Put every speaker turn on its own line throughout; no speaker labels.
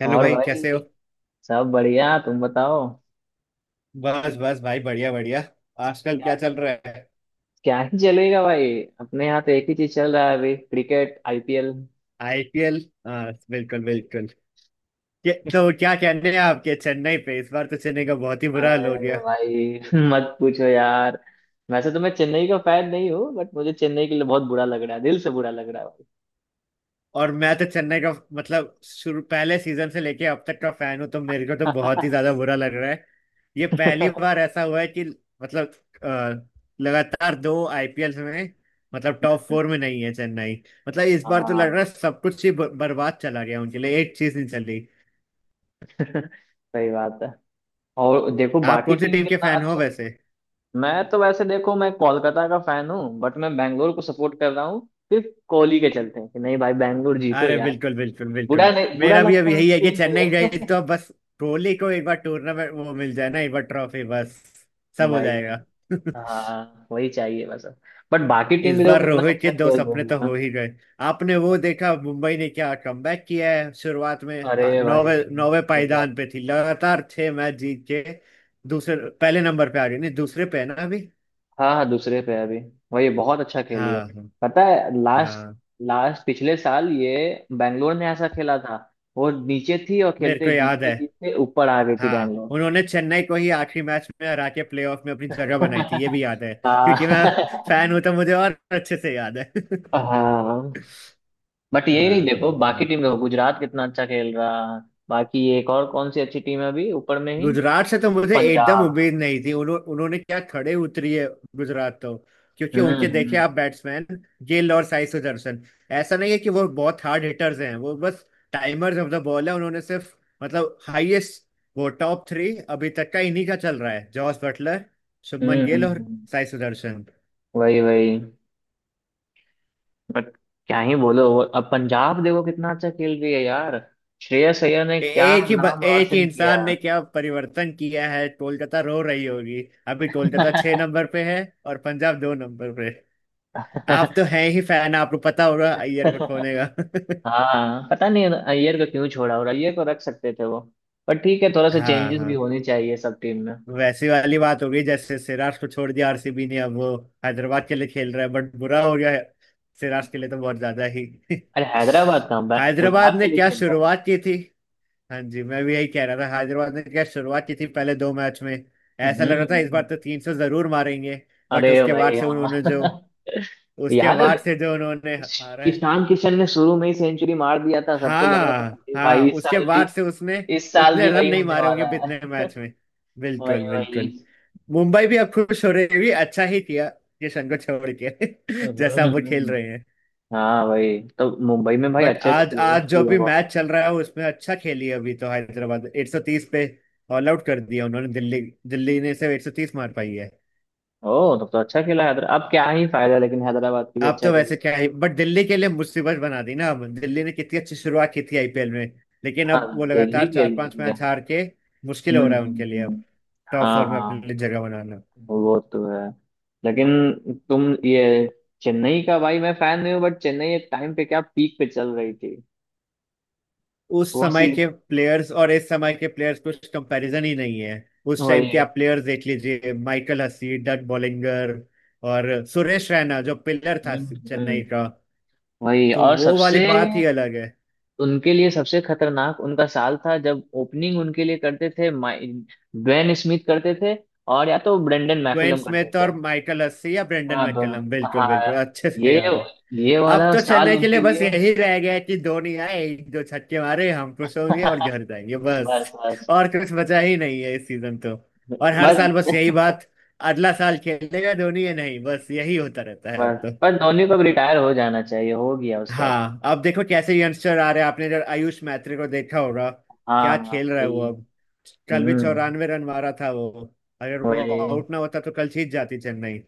Hello
और
भाई कैसे हो।
भाई, सब बढ़िया, तुम बताओ।
बस बस भाई बढ़िया बढ़िया। आजकल
क्या?
क्या चल रहा है।
क्या ही चलेगा भाई। अपने यहाँ तो एक ही चीज चल रहा है अभी, क्रिकेट, आईपीएल।
आईपीएल हाँ बिल्कुल बिल्कुल। तो क्या कहने हैं आपके चेन्नई पे। इस बार तो चेन्नई का बहुत ही बुरा हाल हो गया।
अरे भाई मत पूछो यार। वैसे तो मैं चेन्नई का फैन नहीं हूँ बट मुझे चेन्नई के लिए बहुत बुरा लग रहा है, दिल से बुरा लग रहा है भाई।
और मैं तो चेन्नई का मतलब शुरू पहले सीजन से लेके अब तक का फैन हूँ, तो मेरे को तो बहुत ही ज्यादा बुरा लग रहा है। ये पहली बार ऐसा हुआ है कि मतलब अ, लगातार दो आईपीएल में मतलब टॉप फोर में नहीं है चेन्नई। मतलब इस बार तो लग रहा
हाँ।
है सब कुछ ही बर्बाद चला गया, उनके लिए एक चीज नहीं चली।
सही बात है। और देखो
आप
बाकी
कौन सी
टीम
टीम के
कितना
फैन हो
अच्छा।
वैसे।
मैं तो वैसे देखो, मैं कोलकाता का फैन हूँ बट मैं बैंगलोर को सपोर्ट कर रहा हूँ, सिर्फ कोहली के चलते हैं कि नहीं भाई बैंगलोर जीतो।
अरे बिल्कुल बिल्कुल
बुरा
बिल्कुल।
नहीं, बुरा
मेरा भी अब
लगता है
यही है कि
उसके
चेन्नई
लिए।
गई तो अब बस कोहली को एक बार टूर्नामेंट वो मिल जाए ना, एक बार ट्रॉफी बस सब हो
भाई भाई।
जाएगा।
हाँ वही चाहिए बस। बट बाकी टीम
इस
भी देखो
बार
कितना
रोहित के
अच्छा
दो
खेल
सपने
रही
तो
है ना।
हो ही गए। आपने वो देखा मुंबई ने क्या कमबैक किया है, शुरुआत में
अरे भाई
नौवे नौवे
गजब।
पायदान पे थी, लगातार 6 मैच जीत के दूसरे पहले नंबर पे आ गई। नहीं दूसरे पे है ना अभी।
हाँ हाँ, दूसरे पे है अभी। वही बहुत अच्छा खेली है।
हाँ हाँ।
पता है लास्ट,
हाँ,
लास्ट पिछले साल ये बैंगलोर ने ऐसा खेला था, वो नीचे थी और
मेरे
खेलते
को याद
जीतते
है।
जीतते ऊपर आ गई थी
हाँ
बैंगलोर।
उन्होंने चेन्नई को ही आखिरी मैच में हरा के प्लेऑफ में अपनी जगह बनाई थी, ये भी याद है। क्योंकि मैं
हाँ
फैन हूं तो मुझे और अच्छे से याद है।
हाँ। बट यही नहीं,
हाँ।
देखो बाकी टीम देखो, गुजरात कितना अच्छा खेल रहा है। बाकी एक और कौन सी अच्छी टीम है अभी ऊपर में ही?
गुजरात से तो मुझे एकदम
पंजाब।
उम्मीद नहीं थी, उन्होंने क्या खड़े उतरी है। गुजरात तो क्योंकि उनके देखे
हम्म।
आप बैट्समैन गिल और साई सुदर्शन। ऐसा नहीं है कि वो बहुत हार्ड हिटर्स हैं, वो बस टाइमर्स ऑफ द बॉल है, उन्होंने सिर्फ मतलब हाईएस्ट वो टॉप थ्री अभी तक का इन्हीं का चल रहा है, जॉस बटलर, शुभमन गिल और
हम्म।
साई सुदर्शन।
वही वही। बट क्या ही बोलो अब पंजाब देखो कितना अच्छा खेल रही है यार, श्रेयस अय्यर ने क्या
एक ही
नाम
एक ही
रोशन किया।
इंसान ने क्या परिवर्तन किया है, कोलकाता रो रही होगी। अभी कोलकाता 6 नंबर पे है और पंजाब 2 नंबर पे। आप तो हैं ही फैन, आपको पता होगा अय्यर को खोने का।
हाँ, पता नहीं अय्यर को क्यों छोड़ा, और अय्यर को रख सकते थे वो। पर ठीक है, थोड़ा सा
हाँ
चेंजेस भी
हाँ।
होने चाहिए सब टीम में।
वैसी वाली बात हो गई जैसे सिराज को छोड़ दिया आरसीबी ने, अब वो हैदराबाद के लिए खेल रहा है बट बुरा हो गया है, सिराज के लिए तो बहुत ज्यादा ही।
अरे हैदराबाद का,
हैदराबाद
गुजरात
ने
के लिए
क्या
खेल रहा है।
शुरुआत की थी। हाँ जी मैं भी यही कह रहा था, हैदराबाद ने क्या शुरुआत की थी पहले दो मैच में।
हम्म
ऐसा लग
हम्म,
रहा था इस बार
हम्म।
तो 300 जरूर मारेंगे। बट
अरे
उसके बाद
भाई
से उन्होंने जो,
हाँ
उसके
याद है।
बाद से जो उन्होंने हारा है।
ईशान किशन ने शुरू में ही सेंचुरी मार दिया था, सबको लग रहा था
हाँ
अरे
हाँ
भाई इस
उसके
साल भी,
बाद से उसने
इस साल
उतने
भी
रन
वही
नहीं
होने
मारे होंगे
वाला है।
कितने मैच में।
वही
बिल्कुल
वही।
बिल्कुल। मुंबई भी अब खुश हो रही है, भी अच्छा ही किया किशन को छोड़ के। जैसा
हम्म,
वो खेल
हम्म।
रहे हैं।
हाँ भाई, तो मुंबई में भाई
बट
अच्छे अच्छे
आज
प्लेयर्स
आज जो
भी है
भी
बहुत
मैच चल रहा है उसमें अच्छा खेली, अभी तो हैदराबाद 130 पे ऑल आउट कर दिया उन्होंने दिल्ली। दिल्ली ने सिर्फ 130 मार पाई है।
सारे। ओ तब तो अच्छा खेला हैदराबाद, अब क्या ही फायदा, लेकिन हैदराबाद की भी
आप
अच्छा
तो
खेली।
वैसे क्या है बट दिल्ली के लिए मुसीबत बना दी ना, अब दिल्ली ने कितनी अच्छी शुरुआत की थी आईपीएल में, लेकिन
हाँ,
अब वो
दिल्ली
लगातार चार
खेल
पांच
रही है।
मैच हार के मुश्किल
हम्म
हो रहा है
हम्म,
उनके लिए
हम्म।
टॉप
हाँ
फोर में अपने लिए
हाँ,
जगह बनाना।
वो तो है। लेकिन तुम ये, चेन्नई का भाई मैं फैन नहीं हूँ बट चेन्नई एक टाइम पे क्या पीक पे चल रही थी।
उस
वो सी,
समय के प्लेयर्स और इस समय के प्लेयर्स कुछ कंपैरिजन ही नहीं है। उस टाइम
वही
के
है।
आप प्लेयर्स देख लीजिए, माइकल हसी, डट बॉलिंगर और सुरेश रैना जो पिलर था
हम्म
चेन्नई
हम्म,
का,
वही
तो
और
वो वाली
सबसे,
बात ही अलग है।
उनके लिए सबसे खतरनाक उनका साल था जब ओपनिंग उनके लिए करते थे ड्वेन स्मिथ करते थे, और या तो ब्रेंडन
ग्वेन
मैकुलम करते
स्मिथ और
थे।
माइकल हसी या ब्रेंडन
हाँ दोनों।
मैकलम, बिल्कुल
हाँ।
बिल्कुल अच्छे से
ये
याद है।
ये
अब
वाला
तो
साल
चेन्नई के लिए
उनके
बस
लिए।
यही रह गया है कि धोनी आए, एक दो छक्के मारे, हम खुश होंगे और घर जाएंगे
बस
बस।
बस।
और कुछ बचा ही नहीं है इस सीजन तो। और हर
बस
साल बस यही बात, अगला साल खेलेगा धोनी या नहीं, बस यही होता रहता है अब
बस,
तो।
पर धोनी को अब रिटायर हो जाना चाहिए, हो गया उसका।
हाँ अब देखो कैसे यंगस्टर आ रहे हैं, आपने जब आयुष मैत्री को देखा होगा,
हाँ
क्या
हाँ,
खेल रहा है वो।
वही।
अब कल भी
हम्म,
94 रन मारा था वो, अगर वो
वही
आउट ना होता तो कल जीत जाती चेन्नई।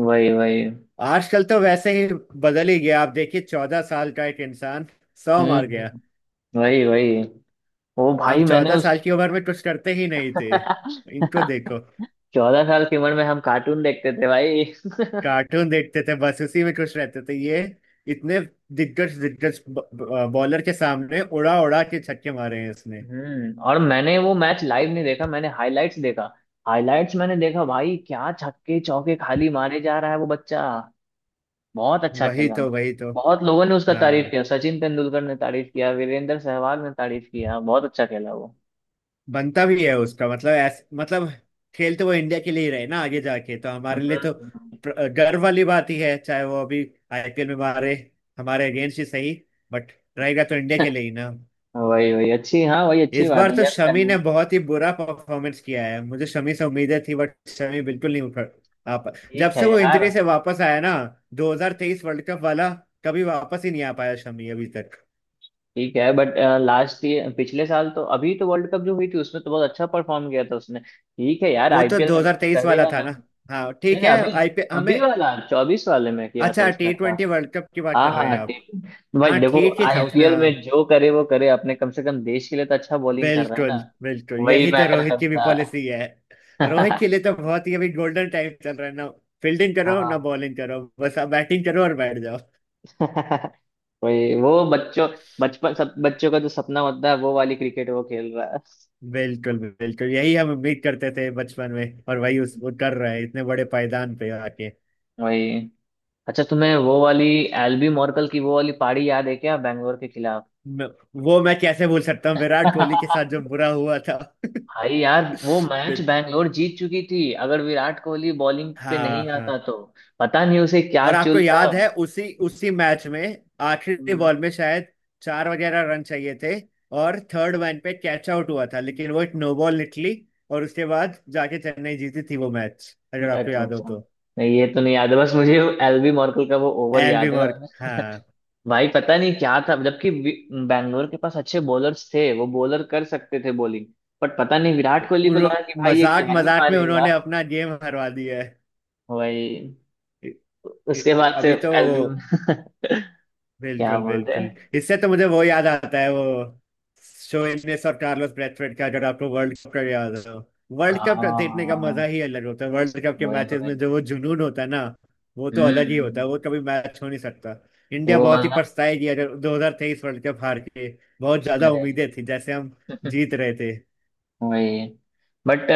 वही। वही।
आजकल तो वैसे ही बदल ही गया, आप देखिए 14 साल का एक इंसान सौ
हम्म
मार गया
हम्म, वही वही। ओ
हम
भाई, मैंने
चौदह
उस
साल की उम्र में कुछ करते ही नहीं थे, इनको देखो।
14 साल की उम्र में हम कार्टून देखते थे भाई।
कार्टून देखते थे बस, उसी में खुश रहते थे, ये इतने दिग्गज दिग्गज बॉलर के सामने उड़ा उड़ा के छक्के मारे हैं इसने।
और मैंने वो मैच लाइव नहीं देखा, मैंने हाइलाइट्स देखा। हाइलाइट्स मैंने देखा भाई, क्या छक्के चौके खाली मारे जा रहा है वो बच्चा। बहुत अच्छा
वही
खेला।
तो वही तो।
बहुत लोगों ने उसका तारीफ
हाँ
किया, सचिन तेंदुलकर ने तारीफ किया, वीरेंद्र सहवाग ने तारीफ किया, बहुत अच्छा खेला वो।
बनता भी है उसका मतलब मतलब खेल तो वो इंडिया के लिए ही रहे ना आगे जाके, तो हमारे लिए
हम्म
तो
हम्म।
गर्व वाली बात ही है, चाहे वो अभी आईपीएल में मारे हमारे अगेंस्ट ही सही, बट रहेगा तो इंडिया के लिए ही ना।
वही वही अच्छी, हाँ वही अच्छी
इस
बात
बार
है
तो
यार,
शमी ने
टैलेंट।
बहुत ही बुरा परफॉर्मेंस किया है, मुझे शमी से उम्मीदें थी बट शमी बिल्कुल नहीं उठ आ पा, जब
ठीक
से
है
वो
यार।
इंजरी से वापस आया ना, 2023 वर्ल्ड कप वाला, कभी वापस ही नहीं आ पाया शमी अभी तक।
ठीक है बट लास्ट, ये पिछले साल तो अभी तो वर्ल्ड कप जो हुई थी उसमें तो बहुत अच्छा परफॉर्म किया था उसने, ठीक है यार
वो तो
आईपीएल में
2023
करे
वाला
या
था
ना।
ना।
नहीं
हाँ ठीक
नहीं
है
अभी,
आईपीएल हमें।
अभी वाला 24 वाले में किया था
अच्छा
उसने
टी
अच्छा।
ट्वेंटी वर्ल्ड कप की बात
हाँ
कर रहे हैं
हाँ,
आप।
ठीक है। भाई
हाँ
देखो,
ठीक ही था उसमें
आईपीएल
हाँ।
में जो करे वो करे, अपने कम से कम देश के लिए तो अच्छा बॉलिंग कर रहा है
बिल्कुल
ना।
बिल्कुल,
वही
यही तो
मैटर
रोहित की भी
करता
पॉलिसी है। रोहित
है।
के लिए तो बहुत ही अभी गोल्डन टाइम चल रहा है ना, फील्डिंग करो ना
हाँ
बॉलिंग करो, बस आप बैटिंग करो और बैठ जाओ।
वही, वो बच्चों, बचपन सब बच्चों का जो सपना होता है वो वाली क्रिकेट वो खेल रहा है।
बिल्कुल बिल्कुल, यही हम उम्मीद करते थे बचपन में, और वही उस वो कर रहे हैं इतने बड़े पायदान पे आके।
वही। अच्छा तुम्हें वो वाली, एल्बी मॉर्कल की वो वाली पारी याद है क्या, बैंगलोर के खिलाफ?
म- वो मैं कैसे भूल सकता हूँ, विराट कोहली के साथ जो बुरा हुआ था।
भाई यार वो मैच
बि-
बैंगलोर जीत चुकी थी, अगर विराट कोहली बॉलिंग पे
हाँ
नहीं
हाँ।
आता तो। पता नहीं उसे क्या
और आपको
चूलता।
याद है उसी उसी मैच में आखिरी
हम्म।
बॉल में शायद चार वगैरह रन चाहिए थे, और थर्ड मैन पे कैच आउट हुआ था, लेकिन वो एक नो बॉल निकली, और उसके बाद जाके चेन्नई जीती थी वो मैच, अगर आपको
अच्छा
याद हो
अच्छा,
तो।
नहीं ये तो नहीं याद है, बस मुझे एलबी मॉर्कल का वो ओवर
एल बी
याद है।
मार्क हाँ।
भाई पता नहीं क्या था, जबकि बैंगलोर के पास अच्छे बॉलर्स थे, वो बॉलर कर सकते थे बॉलिंग, बट पता नहीं विराट कोहली को
उन्हों-
लगा कि भाई ये
मजाक
क्या ही
मजाक में
मारेगा।
उन्होंने अपना गेम हरवा दिया है।
वही।
इ-
उसके बाद से,
अभी तो वो
एल्बम क्या
बिल्कुल
बोलते
बिल्कुल।
हैं।
इससे तो मुझे वो याद आता है, वो शो इनेस और कार्लोस ब्रैथवेट का, अगर आपको वर्ल्ड कप का याद हो। वर्ल्ड कप देखने का मजा ही
हाँ
अलग होता है, वर्ल्ड कप के
वही
मैचेस में
वही।
जो वो जुनून होता है ना, वो तो अलग ही होता
हम्म
है, वो कभी मैच हो नहीं सकता। इंडिया
वो
बहुत ही
वाला।
पछताएगी अगर 2023 वर्ल्ड कप हार के, बहुत ज्यादा
अरे
उम्मीदें थी जैसे हम जीत रहे थे।
वही। बट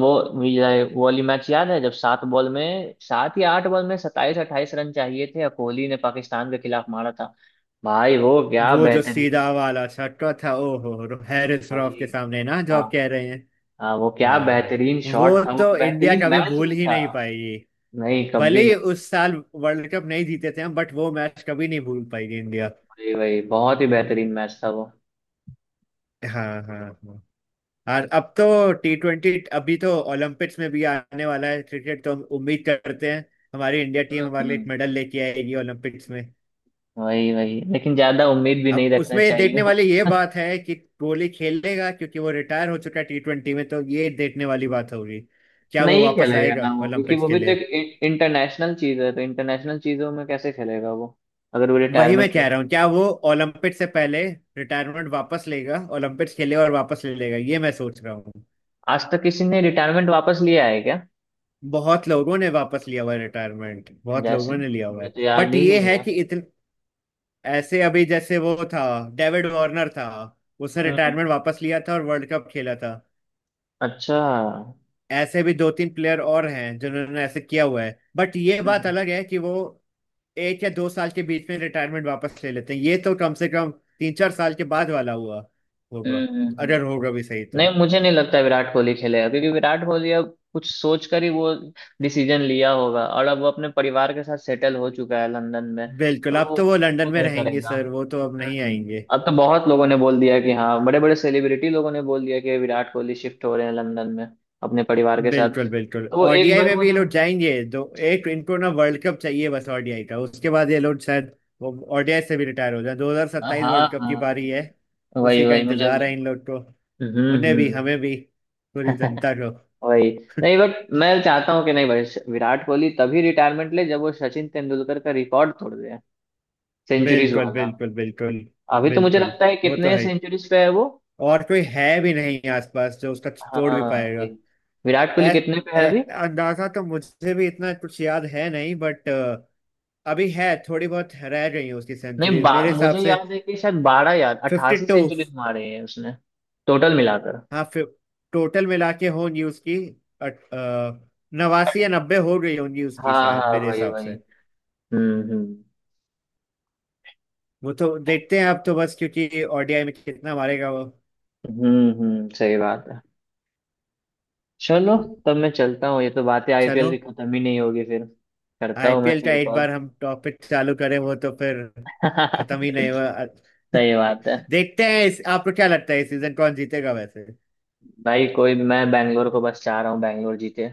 वो ये वो वाली मैच याद है जब 7 बॉल में, 7 या 8 बॉल में 27 28 रन चाहिए थे और कोहली ने पाकिस्तान के खिलाफ मारा था? भाई वो क्या
वो जो
बेहतरीन
सीधा
था।
वाला छक्का था ओहो, हैरिस रॉफ
भाई
के सामने ना जो
हाँ
आप कह रहे हैं।
हाँ, वो क्या
हाँ।
बेहतरीन शॉट
वो
था, वो
तो इंडिया
बेहतरीन
कभी
मैच
भूल
भी
ही
था।
नहीं पाएगी,
नहीं,
भले
कभी
ही
नहीं।
उस साल वर्ल्ड कप नहीं जीते थे हम, बट वो मैच कभी नहीं भूल पाएगी इंडिया।
वही वही, बहुत ही बेहतरीन मैच था वो।
हाँ हाँ हाँ। और अब तो टी ट्वेंटी अभी तो ओलंपिक्स में भी आने वाला है क्रिकेट, तो हम उम्मीद करते हैं हमारी इंडिया टीम
हम्म
हमारे लिए एक
हम्म।
मेडल लेके आएगी ओलंपिक्स में।
वही वही, लेकिन ज्यादा उम्मीद भी
अब
नहीं रखना
उसमें देखने
चाहिए।
वाली ये बात है कि कोहली खेलेगा, क्योंकि वो रिटायर हो चुका है टी ट्वेंटी में, तो ये देखने वाली बात होगी क्या वो
नहीं
वापस
खेलेगा ना
आएगा
वो, क्योंकि
ओलंपिक्स
वो
के
भी तो
लिए।
एक इंटरनेशनल चीज है, तो इंटरनेशनल चीजों में कैसे खेलेगा वो, अगर वो
वही मैं
रिटायरमेंट ले
कह रहा
चुका।
हूँ क्या वो ओलंपिक से पहले रिटायरमेंट वापस लेगा, ओलंपिक्स खेलेगा और वापस ले लेगा, ये मैं सोच रहा हूँ।
आज तक किसी ने रिटायरमेंट वापस लिया है क्या?
बहुत लोगों ने वापस लिया हुआ है रिटायरमेंट, बहुत
जैसे
लोगों ने लिया हुआ
मुझे
है,
तो याद
बट
ही
ये
नहीं
है
है।
कि इतने ऐसे अभी, जैसे वो था डेविड वार्नर था, उसने
हम्म,
रिटायरमेंट वापस लिया था और वर्ल्ड कप खेला था।
अच्छा हम्म।
ऐसे भी दो तीन प्लेयर और हैं जिन्होंने ऐसे किया हुआ है, बट ये बात
हम्म
अलग है कि वो एक या दो साल के बीच में रिटायरमेंट वापस ले लेते हैं, ये तो कम से कम 3-4 साल के बाद वाला हुआ होगा
हम्म, हम्म, हम्म।
अगर होगा भी सही तो।
नहीं मुझे नहीं लगता विराट कोहली खेलेगा, क्योंकि विराट कोहली अब कुछ सोच कर ही वो डिसीजन लिया होगा, और अब वो अपने परिवार के साथ सेटल हो चुका है लंदन में।
बिल्कुल
तो
अब
वो
तो वो लंदन
वो
में
नहीं
रहेंगे
करेगा।
सर, वो तो अब नहीं
हम्म।
आएंगे।
अब तो बहुत लोगों ने बोल दिया कि हाँ, बड़े बड़े सेलिब्रिटी लोगों ने बोल दिया कि विराट कोहली शिफ्ट हो रहे हैं लंदन में, अपने परिवार के साथ।
बिल्कुल बिल्कुल,
तो वो एक
ओडीआई
बार
में
वो
भी ये लोग
जब।
जाएंगे दो, एक इनको ना वर्ल्ड कप चाहिए बस ओडीआई का, उसके बाद ये लोग शायद ओडीआई से भी रिटायर हो जाए, 2027
हाँ
वर्ल्ड कप की
हाँ
बारी है,
वही
उसी का
वही, मुझे
इंतजार है
भी।
इन लोग को, उन्हें भी
हम्म।
हमें भी पूरी जनता को।
वही। नहीं बट मैं चाहता हूँ कि नहीं भाई, विराट कोहली तभी रिटायरमेंट ले जब वो सचिन तेंदुलकर का रिकॉर्ड तोड़ दे, सेंचुरीज
बिल्कुल
वाला।
बिल्कुल बिल्कुल
अभी तो मुझे
बिल्कुल।
लगता है
वो तो
कितने
है ही।
सेंचुरीज पे है वो?
और कोई है भी नहीं आसपास जो उसका तोड़ भी
हाँ वही।
पाएगा।
विराट कोहली
ऐ,
कितने पे है
ऐ,
अभी?
अंदाजा तो मुझे भी इतना कुछ याद है नहीं, बट अभी है थोड़ी बहुत रह गई है उसकी
नहीं
सेंचुरीज
बा,
मेरे हिसाब
मुझे
से।
याद है कि शायद 12 याद
फिफ्टी
88
टू
सेंचुरीज मारे हैं उसने, टोटल मिलाकर।
हाँ टोटल मिला के होंगी उसकी। अट- अ, 89 या 90 हो गई होंगी उसकी
हाँ
शायद
हाँ
मेरे
वही
हिसाब
वही।
से।
हम्म।
वो तो देखते हैं, आप तो बस क्योंकि ओडीआई में कितना मारेगा वो।
हम्म, सही बात है। चलो, तब मैं चलता हूँ, ये तो बातें आईपीएल
चलो
की खत्म ही नहीं होगी फिर। करता हूँ मैं
आईपीएल का
फिर
एक
कॉल।
बार हम टॉपिक चालू करें वो तो फिर खत्म ही नहीं हुआ।
सही बात है।
देखते हैं इस, आपको क्या लगता है इस सीजन कौन जीतेगा वैसे।
भाई कोई, मैं बैंगलोर को बस चाह रहा हूँ, बैंगलोर जीते।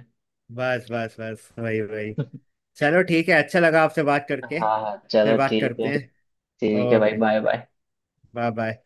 बस बस बस वही वही। चलो ठीक है, अच्छा लगा आपसे बात करके।
हाँ हाँ
फिर
चलो
बात
ठीक
करते
है।
हैं।
ठीक है भाई,
okay,
bye bye.
Bye bye.